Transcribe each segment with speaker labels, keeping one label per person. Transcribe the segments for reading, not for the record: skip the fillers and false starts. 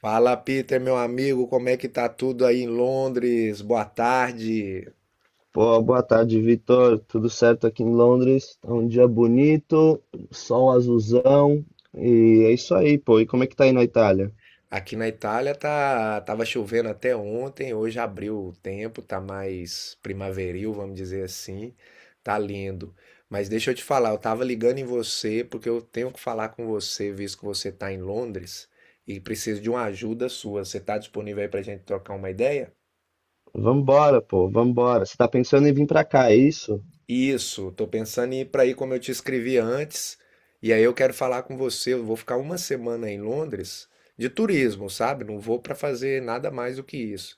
Speaker 1: Fala, Peter, meu amigo, como é que tá tudo aí em Londres? Boa tarde.
Speaker 2: Pô, boa tarde, Vitor. Tudo certo aqui em Londres? É um dia bonito, sol azulzão, e é isso aí, pô. E como é que tá aí na Itália?
Speaker 1: Aqui na Itália tá, tava chovendo até ontem, hoje abriu o tempo, tá mais primaveril, vamos dizer assim. Tá lindo. Mas deixa eu te falar, eu tava ligando em você porque eu tenho que falar com você, visto que você tá em Londres e preciso de uma ajuda sua. Você tá disponível aí pra gente trocar uma ideia?
Speaker 2: Vambora, pô, vambora. Você tá pensando em vir pra cá, é isso?
Speaker 1: Isso, tô pensando em ir para aí como eu te escrevi antes. E aí eu quero falar com você. Eu vou ficar uma semana em Londres de turismo, sabe? Não vou para fazer nada mais do que isso.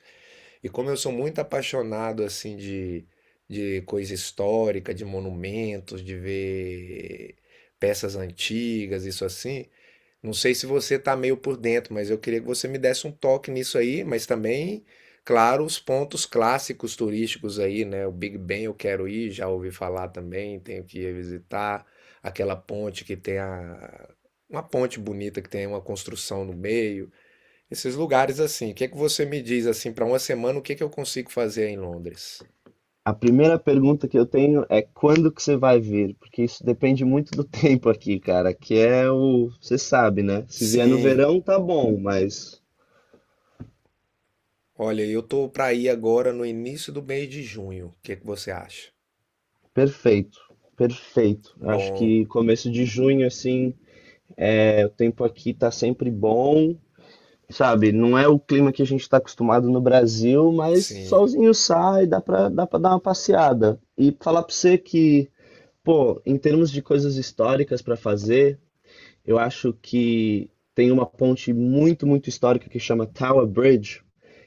Speaker 1: E como eu sou muito apaixonado assim de coisa histórica, de monumentos, de ver peças antigas, isso assim, não sei se você está meio por dentro, mas eu queria que você me desse um toque nisso aí, mas também, claro, os pontos clássicos turísticos aí, né? O Big Ben eu quero ir, já ouvi falar também, tenho que ir visitar aquela ponte que tem a uma ponte bonita que tem uma construção no meio, esses lugares assim. O que é que você me diz assim para uma semana, o que é que eu consigo fazer em Londres?
Speaker 2: A primeira pergunta que eu tenho é quando que você vai vir? Porque isso depende muito do tempo aqui, cara, você sabe, né? Se vier no
Speaker 1: Sim,
Speaker 2: verão, tá bom, mas
Speaker 1: olha, eu tô para ir agora no início do mês de junho. O que é que você acha?
Speaker 2: perfeito, perfeito. Acho
Speaker 1: Bom,
Speaker 2: que começo de junho, assim, o tempo aqui tá sempre bom. Sabe, não é o clima que a gente está acostumado no Brasil, mas
Speaker 1: sim.
Speaker 2: solzinho sai, dá pra dar uma passeada. E falar pra você que, pô, em termos de coisas históricas para fazer, eu acho que tem uma ponte muito, muito histórica que chama Tower Bridge.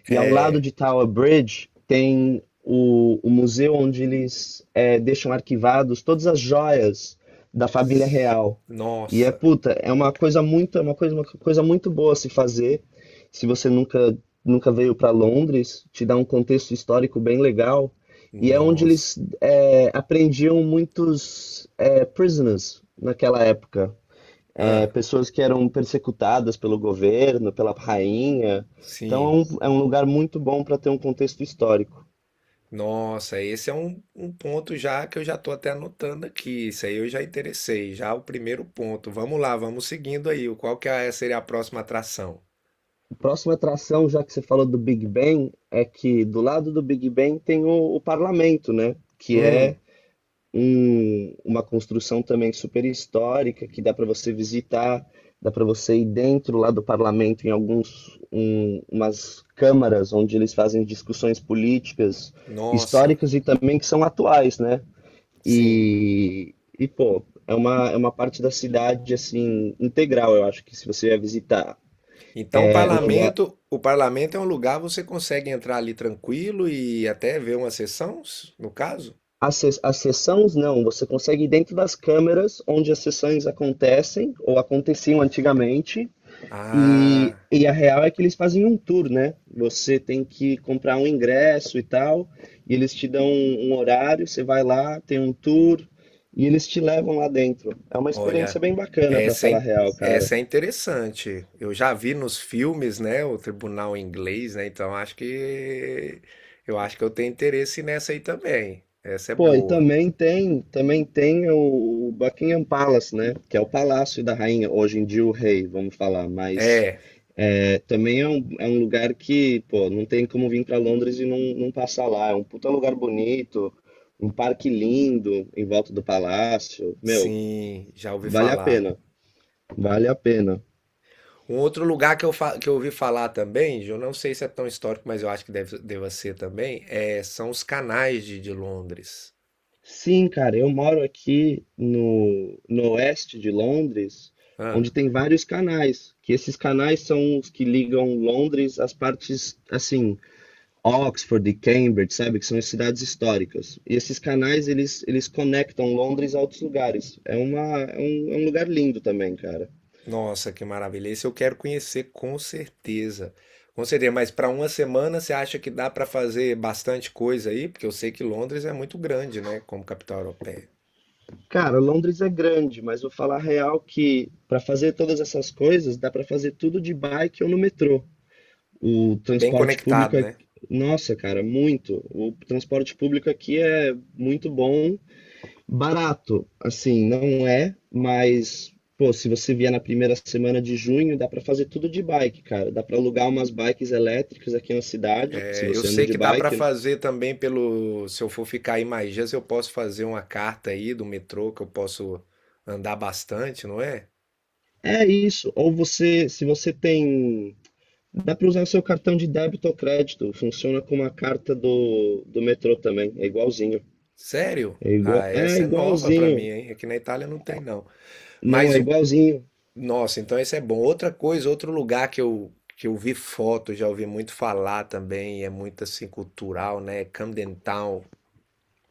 Speaker 2: E ao lado
Speaker 1: É.
Speaker 2: de Tower Bridge tem o museu onde eles deixam arquivados todas as joias da família real. E é
Speaker 1: Nossa,
Speaker 2: puta, uma coisa muito boa a se fazer. Se você nunca, nunca veio para Londres, te dá um contexto histórico bem legal. E é onde
Speaker 1: nossa.
Speaker 2: eles apreendiam muitos prisoners naquela época
Speaker 1: Ah,
Speaker 2: pessoas que eram persecutadas pelo governo, pela rainha. Então é
Speaker 1: sim.
Speaker 2: um, é um lugar muito bom para ter um contexto histórico.
Speaker 1: Nossa, esse é um ponto já que eu já tô até anotando aqui. Isso aí eu já interessei, já o primeiro ponto. Vamos lá, vamos seguindo aí. O Qual que é- Seria a próxima atração?
Speaker 2: A próxima atração, já que você falou do Big Ben, é que do lado do Big Ben tem o parlamento, né? Que é
Speaker 1: Hum,
Speaker 2: uma construção também super histórica, que dá para você visitar, dá para você ir dentro lá do parlamento em umas câmaras onde eles fazem discussões políticas,
Speaker 1: nossa,
Speaker 2: históricas e também que são atuais, né?
Speaker 1: sim.
Speaker 2: E pô, é uma parte da cidade, assim, integral, eu acho que se você vai visitar.
Speaker 1: Então,
Speaker 2: É um lugar.
Speaker 1: o parlamento é um lugar você consegue entrar ali tranquilo e até ver uma sessão, no caso?
Speaker 2: As sessões, não, você consegue ir dentro das câmeras onde as sessões acontecem, ou aconteciam antigamente.
Speaker 1: Ah.
Speaker 2: E a real é que eles fazem um tour, né? Você tem que comprar um ingresso e tal, e eles te dão um horário, você vai lá, tem um tour, e eles te levam lá dentro. É uma experiência
Speaker 1: Olha,
Speaker 2: bem bacana, pra
Speaker 1: essa é,
Speaker 2: falar a
Speaker 1: in-
Speaker 2: real, cara.
Speaker 1: essa é interessante. Eu já vi nos filmes, né, o tribunal inglês, né? Então acho que eu tenho interesse nessa aí também. Essa é
Speaker 2: Pô, e
Speaker 1: boa.
Speaker 2: também tem o Buckingham Palace, né? Que é o palácio da rainha, hoje em dia o rei, vamos falar, mas
Speaker 1: É,
Speaker 2: também é um lugar que, pô, não tem como vir para Londres e não passar lá. É um puta lugar bonito, um parque lindo em volta do palácio. Meu,
Speaker 1: sim, já ouvi
Speaker 2: vale a
Speaker 1: falar.
Speaker 2: pena, vale a pena.
Speaker 1: Um outro lugar que que eu ouvi falar também, eu não sei se é tão histórico, mas eu acho que deve, deva ser também, é, são os canais de Londres.
Speaker 2: Sim, cara, eu moro aqui no oeste de Londres, onde tem vários canais, que esses canais são os que ligam Londres às partes, assim, Oxford e Cambridge, sabe, que são as cidades históricas. E esses canais, eles conectam Londres a outros lugares. É um lugar lindo também, cara.
Speaker 1: Nossa, que maravilha. Esse eu quero conhecer com certeza. Com certeza, mas para uma semana você acha que dá para fazer bastante coisa aí? Porque eu sei que Londres é muito grande, né, como capital europeia.
Speaker 2: Cara, Londres é grande, mas vou falar a real que para fazer todas essas coisas, dá para fazer tudo de bike ou no metrô. O
Speaker 1: Bem
Speaker 2: transporte público,
Speaker 1: conectado, né?
Speaker 2: nossa, cara, muito. O transporte público aqui é muito bom, barato, assim, não é, mas pô, se você vier na primeira semana de junho, dá pra fazer tudo de bike, cara. Dá pra alugar umas bikes elétricas aqui na cidade, se
Speaker 1: É, eu
Speaker 2: você anda
Speaker 1: sei
Speaker 2: de
Speaker 1: que dá para
Speaker 2: bike.
Speaker 1: fazer também pelo, se eu for ficar aí mais dias, eu posso fazer uma carta aí do metrô que eu posso andar bastante, não é?
Speaker 2: É isso. Ou você, se você tem, dá pra usar o seu cartão de débito ou crédito. Funciona como a carta do metrô também, é igualzinho.
Speaker 1: Sério? Ah,
Speaker 2: É
Speaker 1: essa é nova para mim,
Speaker 2: igualzinho.
Speaker 1: hein? Aqui na Itália não tem não.
Speaker 2: Não,
Speaker 1: Mas
Speaker 2: é igualzinho.
Speaker 1: nossa, então esse é bom. Outra coisa, outro lugar que eu vi foto, já ouvi muito falar também, e é muito assim cultural, né? Camden Town.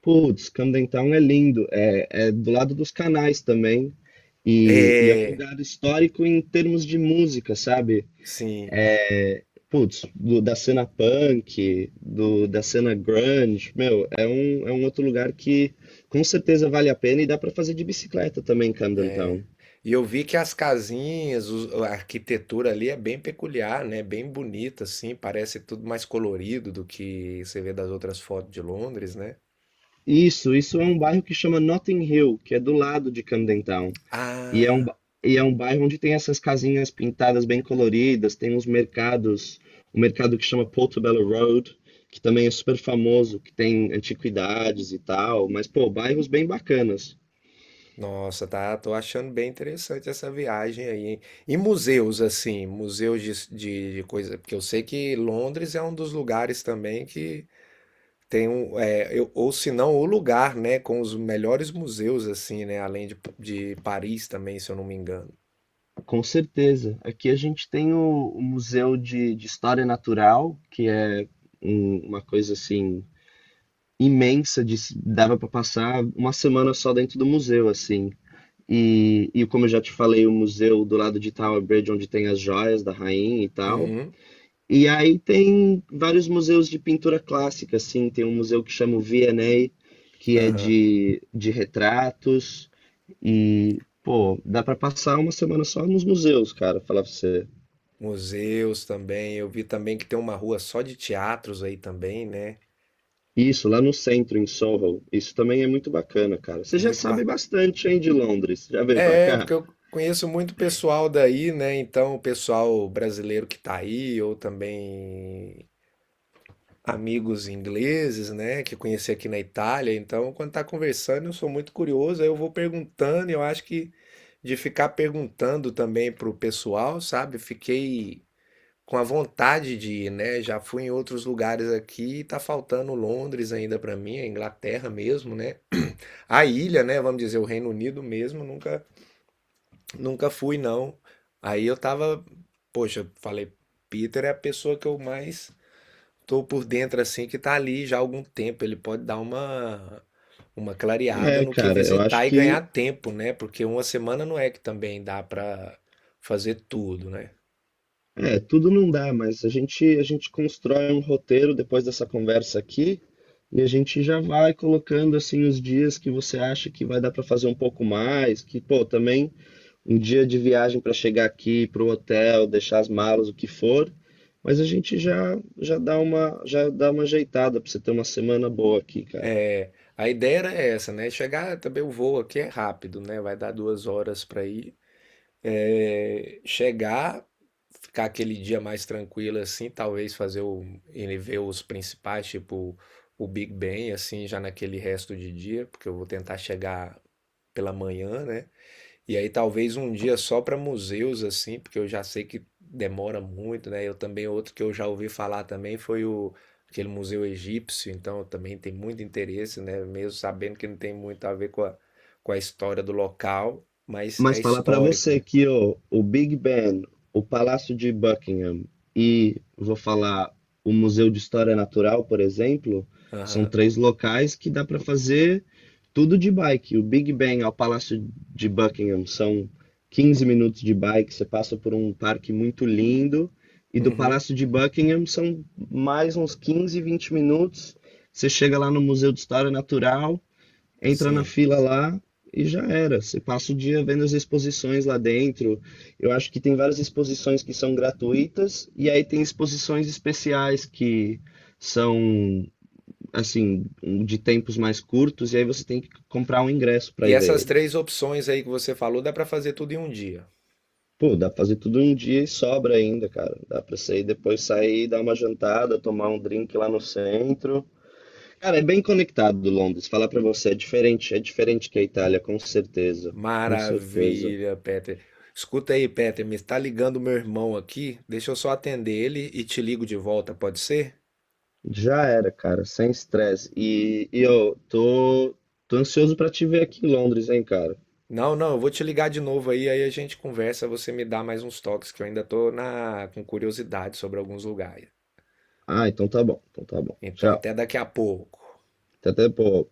Speaker 2: Putz, Camden Town é lindo, é do lado dos canais também, e é um
Speaker 1: É,
Speaker 2: lugar histórico em termos de música, sabe?
Speaker 1: sim.
Speaker 2: É, Putz, da cena punk, da cena grunge, meu, é um outro lugar que com certeza vale a pena e dá pra fazer de bicicleta também em Camden Town.
Speaker 1: E eu vi que as casinhas, a arquitetura ali é bem peculiar, né? Bem bonita, assim, parece tudo mais colorido do que você vê das outras fotos de Londres, né?
Speaker 2: Isso é um bairro que chama Notting Hill, que é do lado de Camden Town. E é um,
Speaker 1: Ah.
Speaker 2: ba- e é um bairro onde tem essas casinhas pintadas bem coloridas, tem uns mercados, um mercado que chama Portobello Road, que também é super famoso, que tem antiguidades e tal, mas pô, bairros bem bacanas.
Speaker 1: Nossa, tá, tô achando bem interessante essa viagem aí, hein? E museus, assim, museus de coisa, porque eu sei que Londres é um dos lugares também que tem um, é, ou se não, o lugar, né, com os melhores museus, assim, né, além de Paris também, se eu não me engano.
Speaker 2: Com certeza. Aqui a gente tem o Museu de História Natural, que é uma coisa assim imensa, de, se- dava para passar uma semana só dentro do museu, assim. E como eu já te falei, o museu do lado de Tower Bridge, onde tem as joias da rainha e tal.
Speaker 1: Uhum,
Speaker 2: E aí tem vários museus de pintura clássica, assim, tem um museu que chama o V&A, que é
Speaker 1: aham.
Speaker 2: de retratos, e, pô, dá pra passar uma semana só nos museus, cara, falar pra você.
Speaker 1: Museus também, eu vi também que tem uma rua só de teatros aí também, né?
Speaker 2: Isso, lá no centro, em Soho, isso também é muito bacana, cara. Você já
Speaker 1: Muito
Speaker 2: sabe
Speaker 1: bacana.
Speaker 2: bastante, hein, de Londres, já veio pra
Speaker 1: É, porque
Speaker 2: cá?
Speaker 1: eu conheço muito pessoal daí, né? Então, o pessoal brasileiro que tá aí, ou também amigos ingleses, né? Que eu conheci aqui na Itália. Então, quando tá conversando, eu sou muito curioso, aí eu vou perguntando, e eu acho que de ficar perguntando também pro pessoal, sabe? Fiquei com a vontade de ir, né? Já fui em outros lugares aqui, e tá faltando Londres ainda pra mim, a Inglaterra mesmo, né? A ilha, né? Vamos dizer, o Reino Unido mesmo, nunca. Nunca fui, não. Aí eu tava, poxa, falei, Peter é a pessoa que eu mais tô por dentro, assim, que tá ali já há algum tempo. Ele pode dar uma clareada
Speaker 2: É,
Speaker 1: no que
Speaker 2: cara, eu acho
Speaker 1: visitar e
Speaker 2: que.
Speaker 1: ganhar tempo, né? Porque uma semana não é que também dá pra fazer tudo, né?
Speaker 2: É, tudo não dá, mas a gente constrói um roteiro depois dessa conversa aqui e a gente já vai colocando assim os dias que você acha que vai dar para fazer um pouco mais, que pô, também um dia de viagem para chegar aqui para o hotel, deixar as malas, o que for, mas a gente já dá uma ajeitada para você ter uma semana boa aqui, cara.
Speaker 1: É, a ideia era essa, né? Chegar também o voo aqui é rápido, né? Vai dar 2 horas pra ir. É, chegar, ficar aquele dia mais tranquilo assim, talvez fazer ele ver os principais, tipo o Big Ben, assim, já naquele resto de dia, porque eu vou tentar chegar pela manhã, né? E aí talvez um dia só para museus, assim, porque eu já sei que demora muito, né? Eu também, outro que eu já ouvi falar também foi o aquele museu egípcio, então eu também tem muito interesse, né? Mesmo sabendo que não tem muito a ver com com a história do local, mas
Speaker 2: Mas
Speaker 1: é
Speaker 2: falar para
Speaker 1: histórico,
Speaker 2: você
Speaker 1: né?
Speaker 2: que ó, o Big Ben, o Palácio de Buckingham e, vou falar, o Museu de História Natural, por exemplo, são
Speaker 1: Aham.
Speaker 2: três locais que dá para fazer tudo de bike. O Big Ben ao Palácio de Buckingham são 15 minutos de bike, você passa por um parque muito lindo. E do
Speaker 1: Uhum.
Speaker 2: Palácio de Buckingham são mais uns 15, 20 minutos. Você chega lá no Museu de História Natural, entra na
Speaker 1: Sim.
Speaker 2: fila lá e já era. Você passa o dia vendo as exposições lá dentro. Eu acho que tem várias exposições que são gratuitas e aí tem exposições especiais que são assim de tempos mais curtos e aí você tem que comprar um ingresso para
Speaker 1: E
Speaker 2: ir ver
Speaker 1: essas
Speaker 2: eles.
Speaker 1: três opções aí que você falou, dá para fazer tudo em um dia.
Speaker 2: Pô, dá pra fazer tudo em um dia e sobra ainda, cara. Dá pra sair depois sair, dar uma jantada, tomar um drink lá no centro. Cara, é bem conectado Londres. Falar pra você, é diferente que a Itália, com certeza. Com certeza.
Speaker 1: Maravilha, Peter. Escuta aí, Peter, me está ligando meu irmão aqui. Deixa eu só atender ele e te ligo de volta, pode ser?
Speaker 2: Já era, cara, sem estresse. E eu tô ansioso pra te ver aqui em Londres, hein, cara.
Speaker 1: Não, não, eu vou te ligar de novo aí, aí a gente conversa, você me dá mais uns toques que eu ainda tô na com curiosidade sobre alguns lugares.
Speaker 2: Ah, então tá bom, então tá bom.
Speaker 1: Então
Speaker 2: Tchau.
Speaker 1: até daqui a pouco.
Speaker 2: Até depois.